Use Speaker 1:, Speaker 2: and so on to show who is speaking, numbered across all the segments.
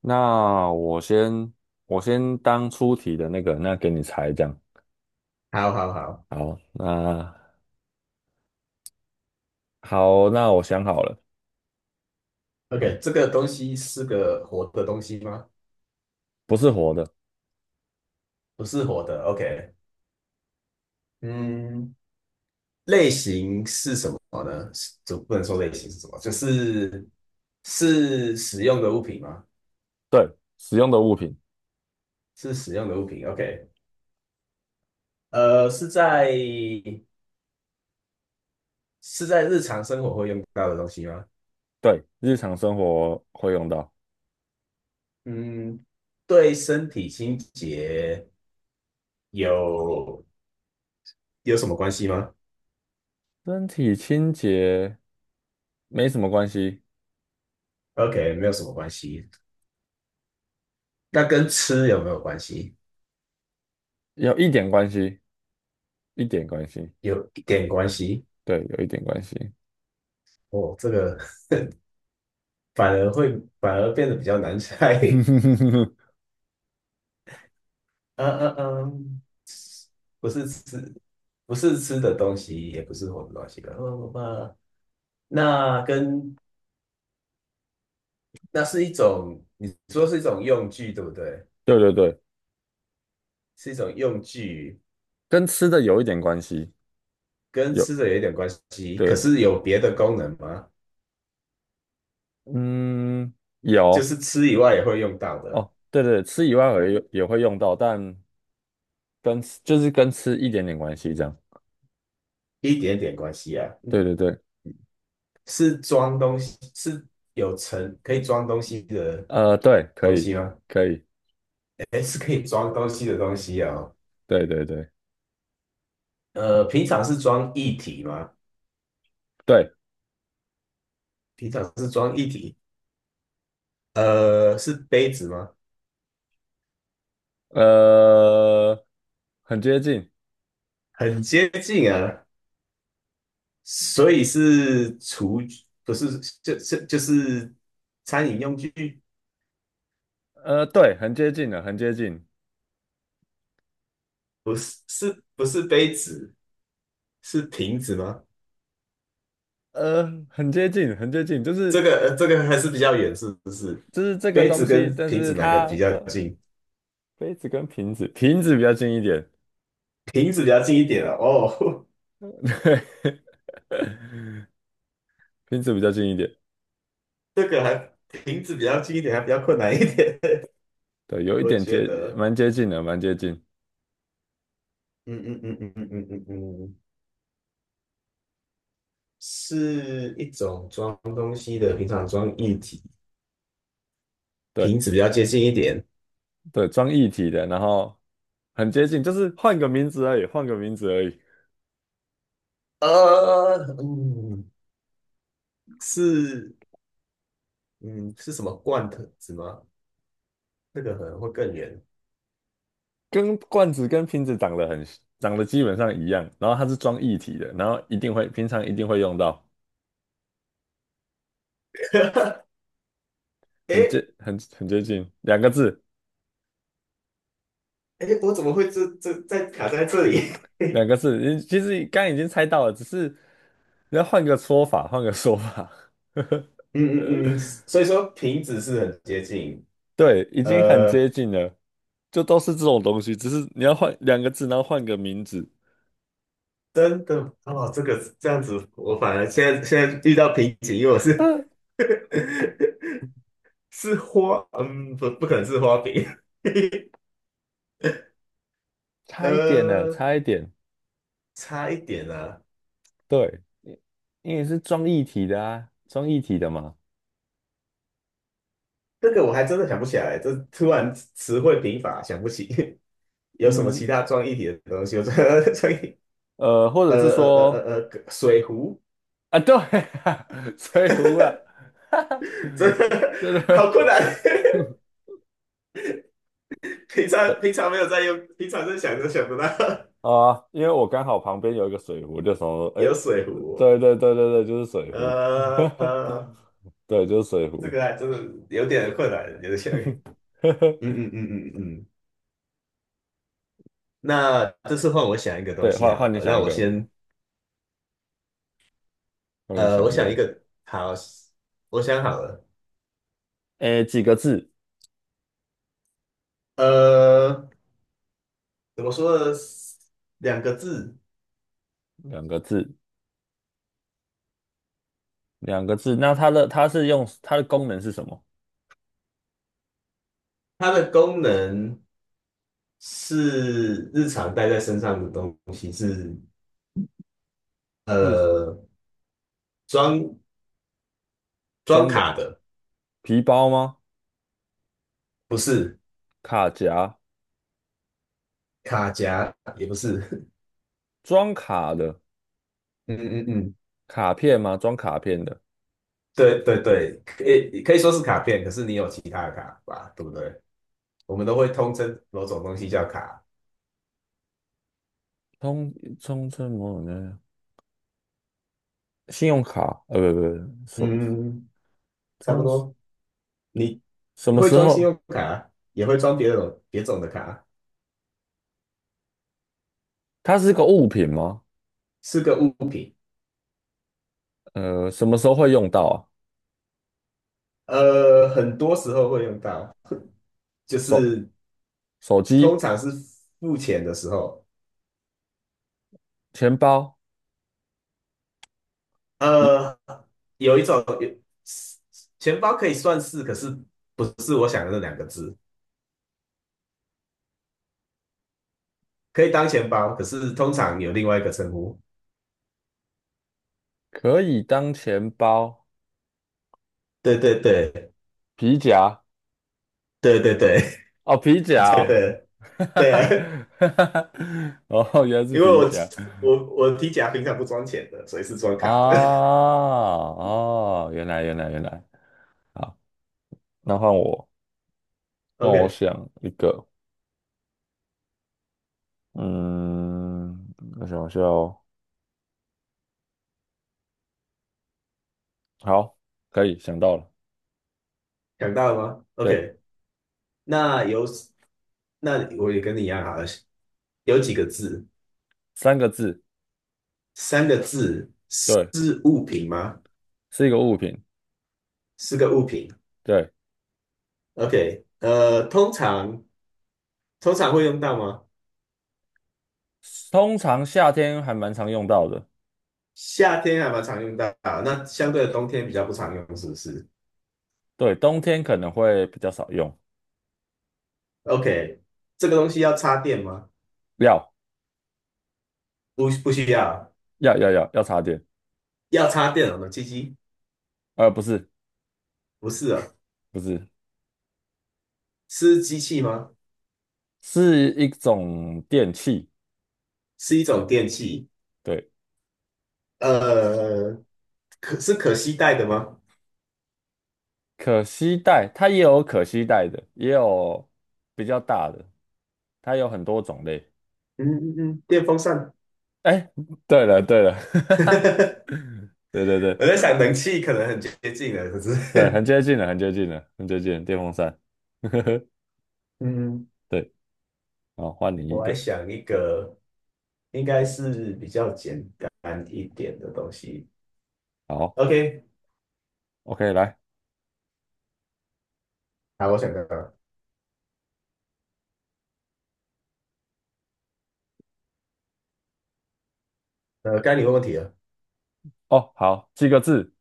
Speaker 1: 那我先当出题的那个，那给你猜这样。
Speaker 2: 好好好
Speaker 1: 好，那好，那我想好了，好，
Speaker 2: ，OK，这个东西是个活的东西吗？
Speaker 1: 不是活的，
Speaker 2: 不是活的，OK。嗯，类型是什么呢？是就不能说类型是什么，就是是使用的物品吗？
Speaker 1: 对，使用的物品，
Speaker 2: 是使用的物品，OK。是在是在日常生活会用到的东西吗？
Speaker 1: 对，日常生活会用到，
Speaker 2: 嗯，对身体清洁有有什么关系吗
Speaker 1: 身体清洁没什么关系，
Speaker 2: ？OK，没有什么关系。那跟吃有没有关系？
Speaker 1: 有一点关系，一点关系，
Speaker 2: 有一点关系。
Speaker 1: 对，有一点关系，
Speaker 2: 哦，这个反而会反而变得比较难猜。嗯嗯嗯，不是吃，不是吃的东西，也不是活的东西吧。那跟那是一种，你说是一种用具，对不对？
Speaker 1: 对对对，
Speaker 2: 是一种用具，
Speaker 1: 跟吃的有一点关系，
Speaker 2: 跟
Speaker 1: 有，
Speaker 2: 吃的有一点关系，
Speaker 1: 对，
Speaker 2: 可是有别的功能吗？
Speaker 1: 嗯，
Speaker 2: 就
Speaker 1: 有。
Speaker 2: 是吃以外也会用到的，
Speaker 1: 哦，对对，吃以外也会用到，但就是跟吃一点点关系这样。
Speaker 2: 一点点关系啊。
Speaker 1: 对
Speaker 2: 嗯，
Speaker 1: 对对，
Speaker 2: 是装东西，是有盛，可以装东西的
Speaker 1: 对，可
Speaker 2: 东
Speaker 1: 以
Speaker 2: 西吗？
Speaker 1: 可以，
Speaker 2: 哎，是可以装东西的东西哦。
Speaker 1: 对对对
Speaker 2: 平常是装液体吗？
Speaker 1: 对，
Speaker 2: 平常是装液体。是杯子吗？
Speaker 1: 呃，很接近，
Speaker 2: 很接近啊，所以是厨具，不是，就是餐饮用具，
Speaker 1: 对，很接近了，很接近，
Speaker 2: 不是，是不是杯子？是瓶子吗？
Speaker 1: 很接近，很接近，就
Speaker 2: 这
Speaker 1: 是
Speaker 2: 个、这个还是比较远，是不是？
Speaker 1: 就是这个
Speaker 2: 杯
Speaker 1: 东
Speaker 2: 子
Speaker 1: 西，
Speaker 2: 跟
Speaker 1: 但
Speaker 2: 瓶
Speaker 1: 是
Speaker 2: 子哪个比
Speaker 1: 它
Speaker 2: 较
Speaker 1: 它
Speaker 2: 近？
Speaker 1: 杯子跟瓶子，瓶子比较近一点，
Speaker 2: 瓶子比较近一点啊。哦，
Speaker 1: 对，瓶子比较近一点，
Speaker 2: 这个还瓶子比较近一点，还比较困难一点，
Speaker 1: 对，有一
Speaker 2: 我
Speaker 1: 点
Speaker 2: 觉
Speaker 1: 接，
Speaker 2: 得。
Speaker 1: 蛮接近的，蛮接近，
Speaker 2: 嗯嗯嗯嗯嗯嗯嗯嗯，是一种装东西的，平常装液体，
Speaker 1: 对
Speaker 2: 瓶子比较接近一点。
Speaker 1: 对，装一体的，然后很接近，就是换个名字而已，换个名字而已。
Speaker 2: 呃，嗯，是，嗯，是什么罐头子吗？那个可能会更远。
Speaker 1: 跟罐子跟瓶子长得基本上一样，然后它是装液体的，然后一定会平常一定会用到，很
Speaker 2: 诶
Speaker 1: 接很很接近，两个字
Speaker 2: 诶，我怎么会这在卡在这里？
Speaker 1: 两
Speaker 2: 嗯
Speaker 1: 个字，你其实刚刚已经猜到了，只是你要换个说法，换个说法，
Speaker 2: 嗯嗯，所以说瓶子是很接近，
Speaker 1: 对，已经很接
Speaker 2: 呃，
Speaker 1: 近了，就都是这种东西，只是你要换两个字，然后换个名字，
Speaker 2: 真的哦，这个这样子，我反而现在遇到瓶颈，因为我是
Speaker 1: 嗯，
Speaker 2: 是花，嗯，不，不可能是花饼。
Speaker 1: 差一点了，
Speaker 2: 呃，
Speaker 1: 差一点，
Speaker 2: 差一点啊，
Speaker 1: 对，因为是装液体的啊，装液体的嘛。
Speaker 2: 这个我还真的想不起来，这突然词汇贫乏，想不起 有什么其他
Speaker 1: 嗯，
Speaker 2: 装一体的东西。我真的 装一体
Speaker 1: 或
Speaker 2: 呃
Speaker 1: 者是
Speaker 2: 呃呃
Speaker 1: 说，
Speaker 2: 水壶，
Speaker 1: 啊，对啊，水 壶啊，哈哈，
Speaker 2: 真的
Speaker 1: 对对
Speaker 2: 好困难。平
Speaker 1: 对
Speaker 2: 常平常没有在用，平常在想都想不到
Speaker 1: 啊，因为我刚好旁边有一个水壶，就想说，哎，
Speaker 2: 有水壶。
Speaker 1: 对对对对对，就是水壶，
Speaker 2: 呃呃，
Speaker 1: 对，就是水
Speaker 2: 这
Speaker 1: 壶，
Speaker 2: 个还真的有点困难，有点像。嗯嗯嗯嗯嗯，那这次换我想一个东
Speaker 1: 对，
Speaker 2: 西
Speaker 1: 换
Speaker 2: 好了。
Speaker 1: 换你想
Speaker 2: 那
Speaker 1: 一
Speaker 2: 我
Speaker 1: 个，
Speaker 2: 先，
Speaker 1: 换你
Speaker 2: 我
Speaker 1: 想一
Speaker 2: 想一
Speaker 1: 个，
Speaker 2: 个，好，我想好了。
Speaker 1: 哎，几个字？
Speaker 2: 呃，怎么说呢？两个字，
Speaker 1: 两个字，两个字。那它的功能是什么？
Speaker 2: 它的功能是日常带在身上的东西，是
Speaker 1: 是
Speaker 2: 呃装装
Speaker 1: 装的
Speaker 2: 卡的，
Speaker 1: 皮包吗？
Speaker 2: 不是
Speaker 1: 卡夹，
Speaker 2: 卡夹，也不是。
Speaker 1: 装卡的，
Speaker 2: 嗯嗯嗯，
Speaker 1: 卡片吗？装卡片的。
Speaker 2: 对对对，可以说是卡片，可是你有其他的卡吧，对不对？我们都会通称某种东西叫卡。
Speaker 1: 通通称某种的信用卡，不不，不什
Speaker 2: 嗯，差不
Speaker 1: 通
Speaker 2: 多。你
Speaker 1: 什
Speaker 2: 你
Speaker 1: 么
Speaker 2: 会
Speaker 1: 时
Speaker 2: 装信
Speaker 1: 候？
Speaker 2: 用卡啊，也会装别种的卡啊，
Speaker 1: 它是个物品吗？
Speaker 2: 是个物品。
Speaker 1: 什么时候会用到啊？
Speaker 2: 很多时候会用到，就
Speaker 1: 手
Speaker 2: 是
Speaker 1: 手
Speaker 2: 通
Speaker 1: 机、
Speaker 2: 常是付钱的时候。
Speaker 1: 钱包、皮
Speaker 2: 呃，有一种有钱包可以算是，可是不是我想的那两个字，可以当钱包，可是通常有另外一个称呼。
Speaker 1: 可以当钱包、
Speaker 2: 对对对
Speaker 1: 皮夹
Speaker 2: 对对对
Speaker 1: 哦，皮 夹
Speaker 2: 对
Speaker 1: 哦，
Speaker 2: 对
Speaker 1: 哈哈
Speaker 2: 对
Speaker 1: 哈
Speaker 2: 啊，
Speaker 1: 哈哈，哦，原来是
Speaker 2: 因为
Speaker 1: 皮
Speaker 2: 我
Speaker 1: 夹
Speaker 2: 我我提夹平常不装钱的，所以是装
Speaker 1: 啊
Speaker 2: 卡的。
Speaker 1: 哦，原来原来原来，好，那换我，换我
Speaker 2: OK。
Speaker 1: 想一个，嗯，我想一下哦。好，可以想到了，
Speaker 2: 想到了吗
Speaker 1: 对，
Speaker 2: ？OK，那有那我也跟你一样啊，有几个字，
Speaker 1: 三个字，
Speaker 2: 三个字
Speaker 1: 对，
Speaker 2: 是物品吗？
Speaker 1: 是一个物品，
Speaker 2: 是个物品。
Speaker 1: 对，
Speaker 2: OK，通常会用到吗？
Speaker 1: 通常夏天还蛮常用到的，
Speaker 2: 夏天还蛮常用到，那相对的冬天比较不常用，是不是
Speaker 1: 对，冬天可能会比较少用，
Speaker 2: ？OK，这个东西要插电吗？
Speaker 1: 要
Speaker 2: 不，不需要。
Speaker 1: 要插电，
Speaker 2: 要插电哦，机机？
Speaker 1: 不是
Speaker 2: 不是哦，
Speaker 1: 不是，
Speaker 2: 是机器吗？
Speaker 1: 是一种电器，
Speaker 2: 是一种电器。
Speaker 1: 对，
Speaker 2: 呃，可是可携带的吗？
Speaker 1: 可携带，它也有可携带的，也有比较大的，它有很多种类，
Speaker 2: 嗯嗯嗯，电风扇。
Speaker 1: 哎，对了对了，对对对
Speaker 2: 我在想能气可能很接近了，可是
Speaker 1: 对，很接近了，很接近了，很接近了电风扇。
Speaker 2: 嗯，
Speaker 1: 对，好，换你一
Speaker 2: 我还
Speaker 1: 个。
Speaker 2: 想一个应该是比较简单一点的东西。
Speaker 1: 好
Speaker 2: OK，
Speaker 1: ，OK，来。
Speaker 2: 好，我想到了，呃，该你问问题了。
Speaker 1: 哦，好，几个字，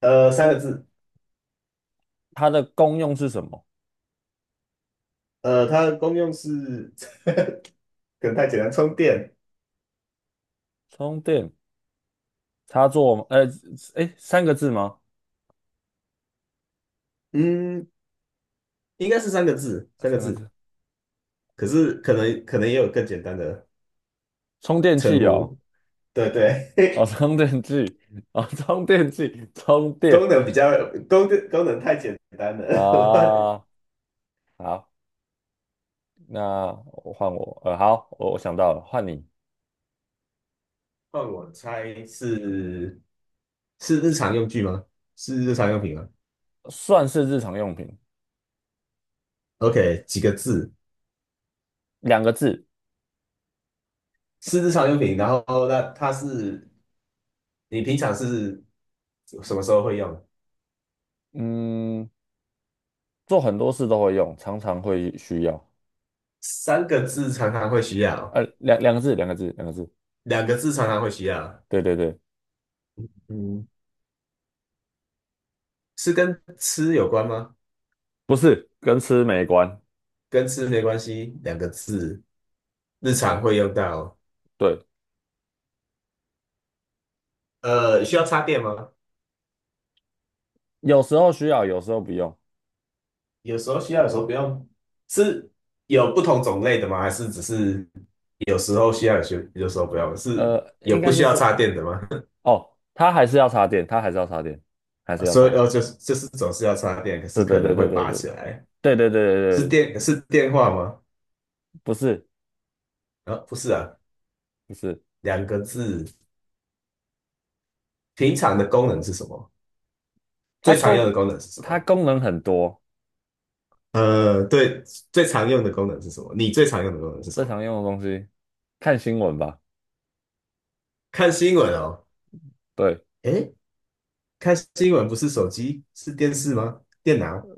Speaker 2: 呃，三个字，
Speaker 1: 它的功用是什么？
Speaker 2: 它的功用是 可能太简单，充电。
Speaker 1: 充电插座吗？哎，三个字吗？
Speaker 2: 嗯，应该是三个字，三个
Speaker 1: 三个
Speaker 2: 字。
Speaker 1: 字。
Speaker 2: 可是可能也有更简单的
Speaker 1: 充电器
Speaker 2: 称
Speaker 1: 哦，
Speaker 2: 呼。对对，
Speaker 1: 哦，充电器，哦，充电器，充
Speaker 2: 功
Speaker 1: 电
Speaker 2: 能比较功能太简单了。
Speaker 1: 啊。好，那我换我。好，我想到了，换你。
Speaker 2: 换我猜是是日常用具吗？是日常用品吗
Speaker 1: 算是日常用品，
Speaker 2: ？OK，几个字？
Speaker 1: 两个字。
Speaker 2: 是日常用品，然后那它是你平常是什么时候会用？
Speaker 1: 嗯，做很多事都会用，常常会需要。
Speaker 2: 三个字常常会需要，
Speaker 1: 两个字，两个字，两个字。
Speaker 2: 两个字常常会需要。
Speaker 1: 对对对，
Speaker 2: 嗯，是跟吃有关吗？
Speaker 1: 不是，跟吃没关。
Speaker 2: 跟吃没关系，两个字，日常会用到。
Speaker 1: 对，
Speaker 2: 需要插电吗？
Speaker 1: 有时候需要，有时候不用。
Speaker 2: 有时候需要，有时候不用。是有不同种类的吗？还是只是有时候需要，有时候不用？是有
Speaker 1: 应
Speaker 2: 不
Speaker 1: 该
Speaker 2: 需
Speaker 1: 是
Speaker 2: 要
Speaker 1: 说，
Speaker 2: 插电的吗？
Speaker 1: 哦，它还是要插电，它还是要插电，还是要
Speaker 2: 所以
Speaker 1: 插。
Speaker 2: 哦，就是总是要插电，可是
Speaker 1: 对对
Speaker 2: 可
Speaker 1: 对
Speaker 2: 能
Speaker 1: 对
Speaker 2: 会
Speaker 1: 对对
Speaker 2: 拔起来，
Speaker 1: 对对对
Speaker 2: 是
Speaker 1: 对对，
Speaker 2: 电是电话吗？
Speaker 1: 不是
Speaker 2: 啊，不是啊，
Speaker 1: 不是，
Speaker 2: 两个字。平常的功能是什么？
Speaker 1: 它
Speaker 2: 最常用的
Speaker 1: 功
Speaker 2: 功能是什
Speaker 1: 它
Speaker 2: 么？
Speaker 1: 功能很多，
Speaker 2: 对，最常用的功能是什么？你最常用的功能是什
Speaker 1: 最
Speaker 2: 么？
Speaker 1: 常用的东西，看新闻吧。
Speaker 2: 看新闻哦。
Speaker 1: 对
Speaker 2: 诶，看新闻不是手机，是电视吗？电脑。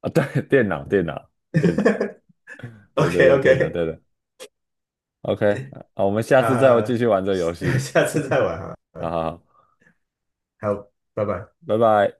Speaker 1: 啊，对，电脑电脑电脑，对
Speaker 2: OK
Speaker 1: 对对，电脑
Speaker 2: OK，
Speaker 1: 对的。OK，啊，我们下次再继
Speaker 2: 啊、
Speaker 1: 续玩这个游 戏。
Speaker 2: 下次再玩哈。
Speaker 1: 好好好，
Speaker 2: 好，拜拜。
Speaker 1: 拜拜。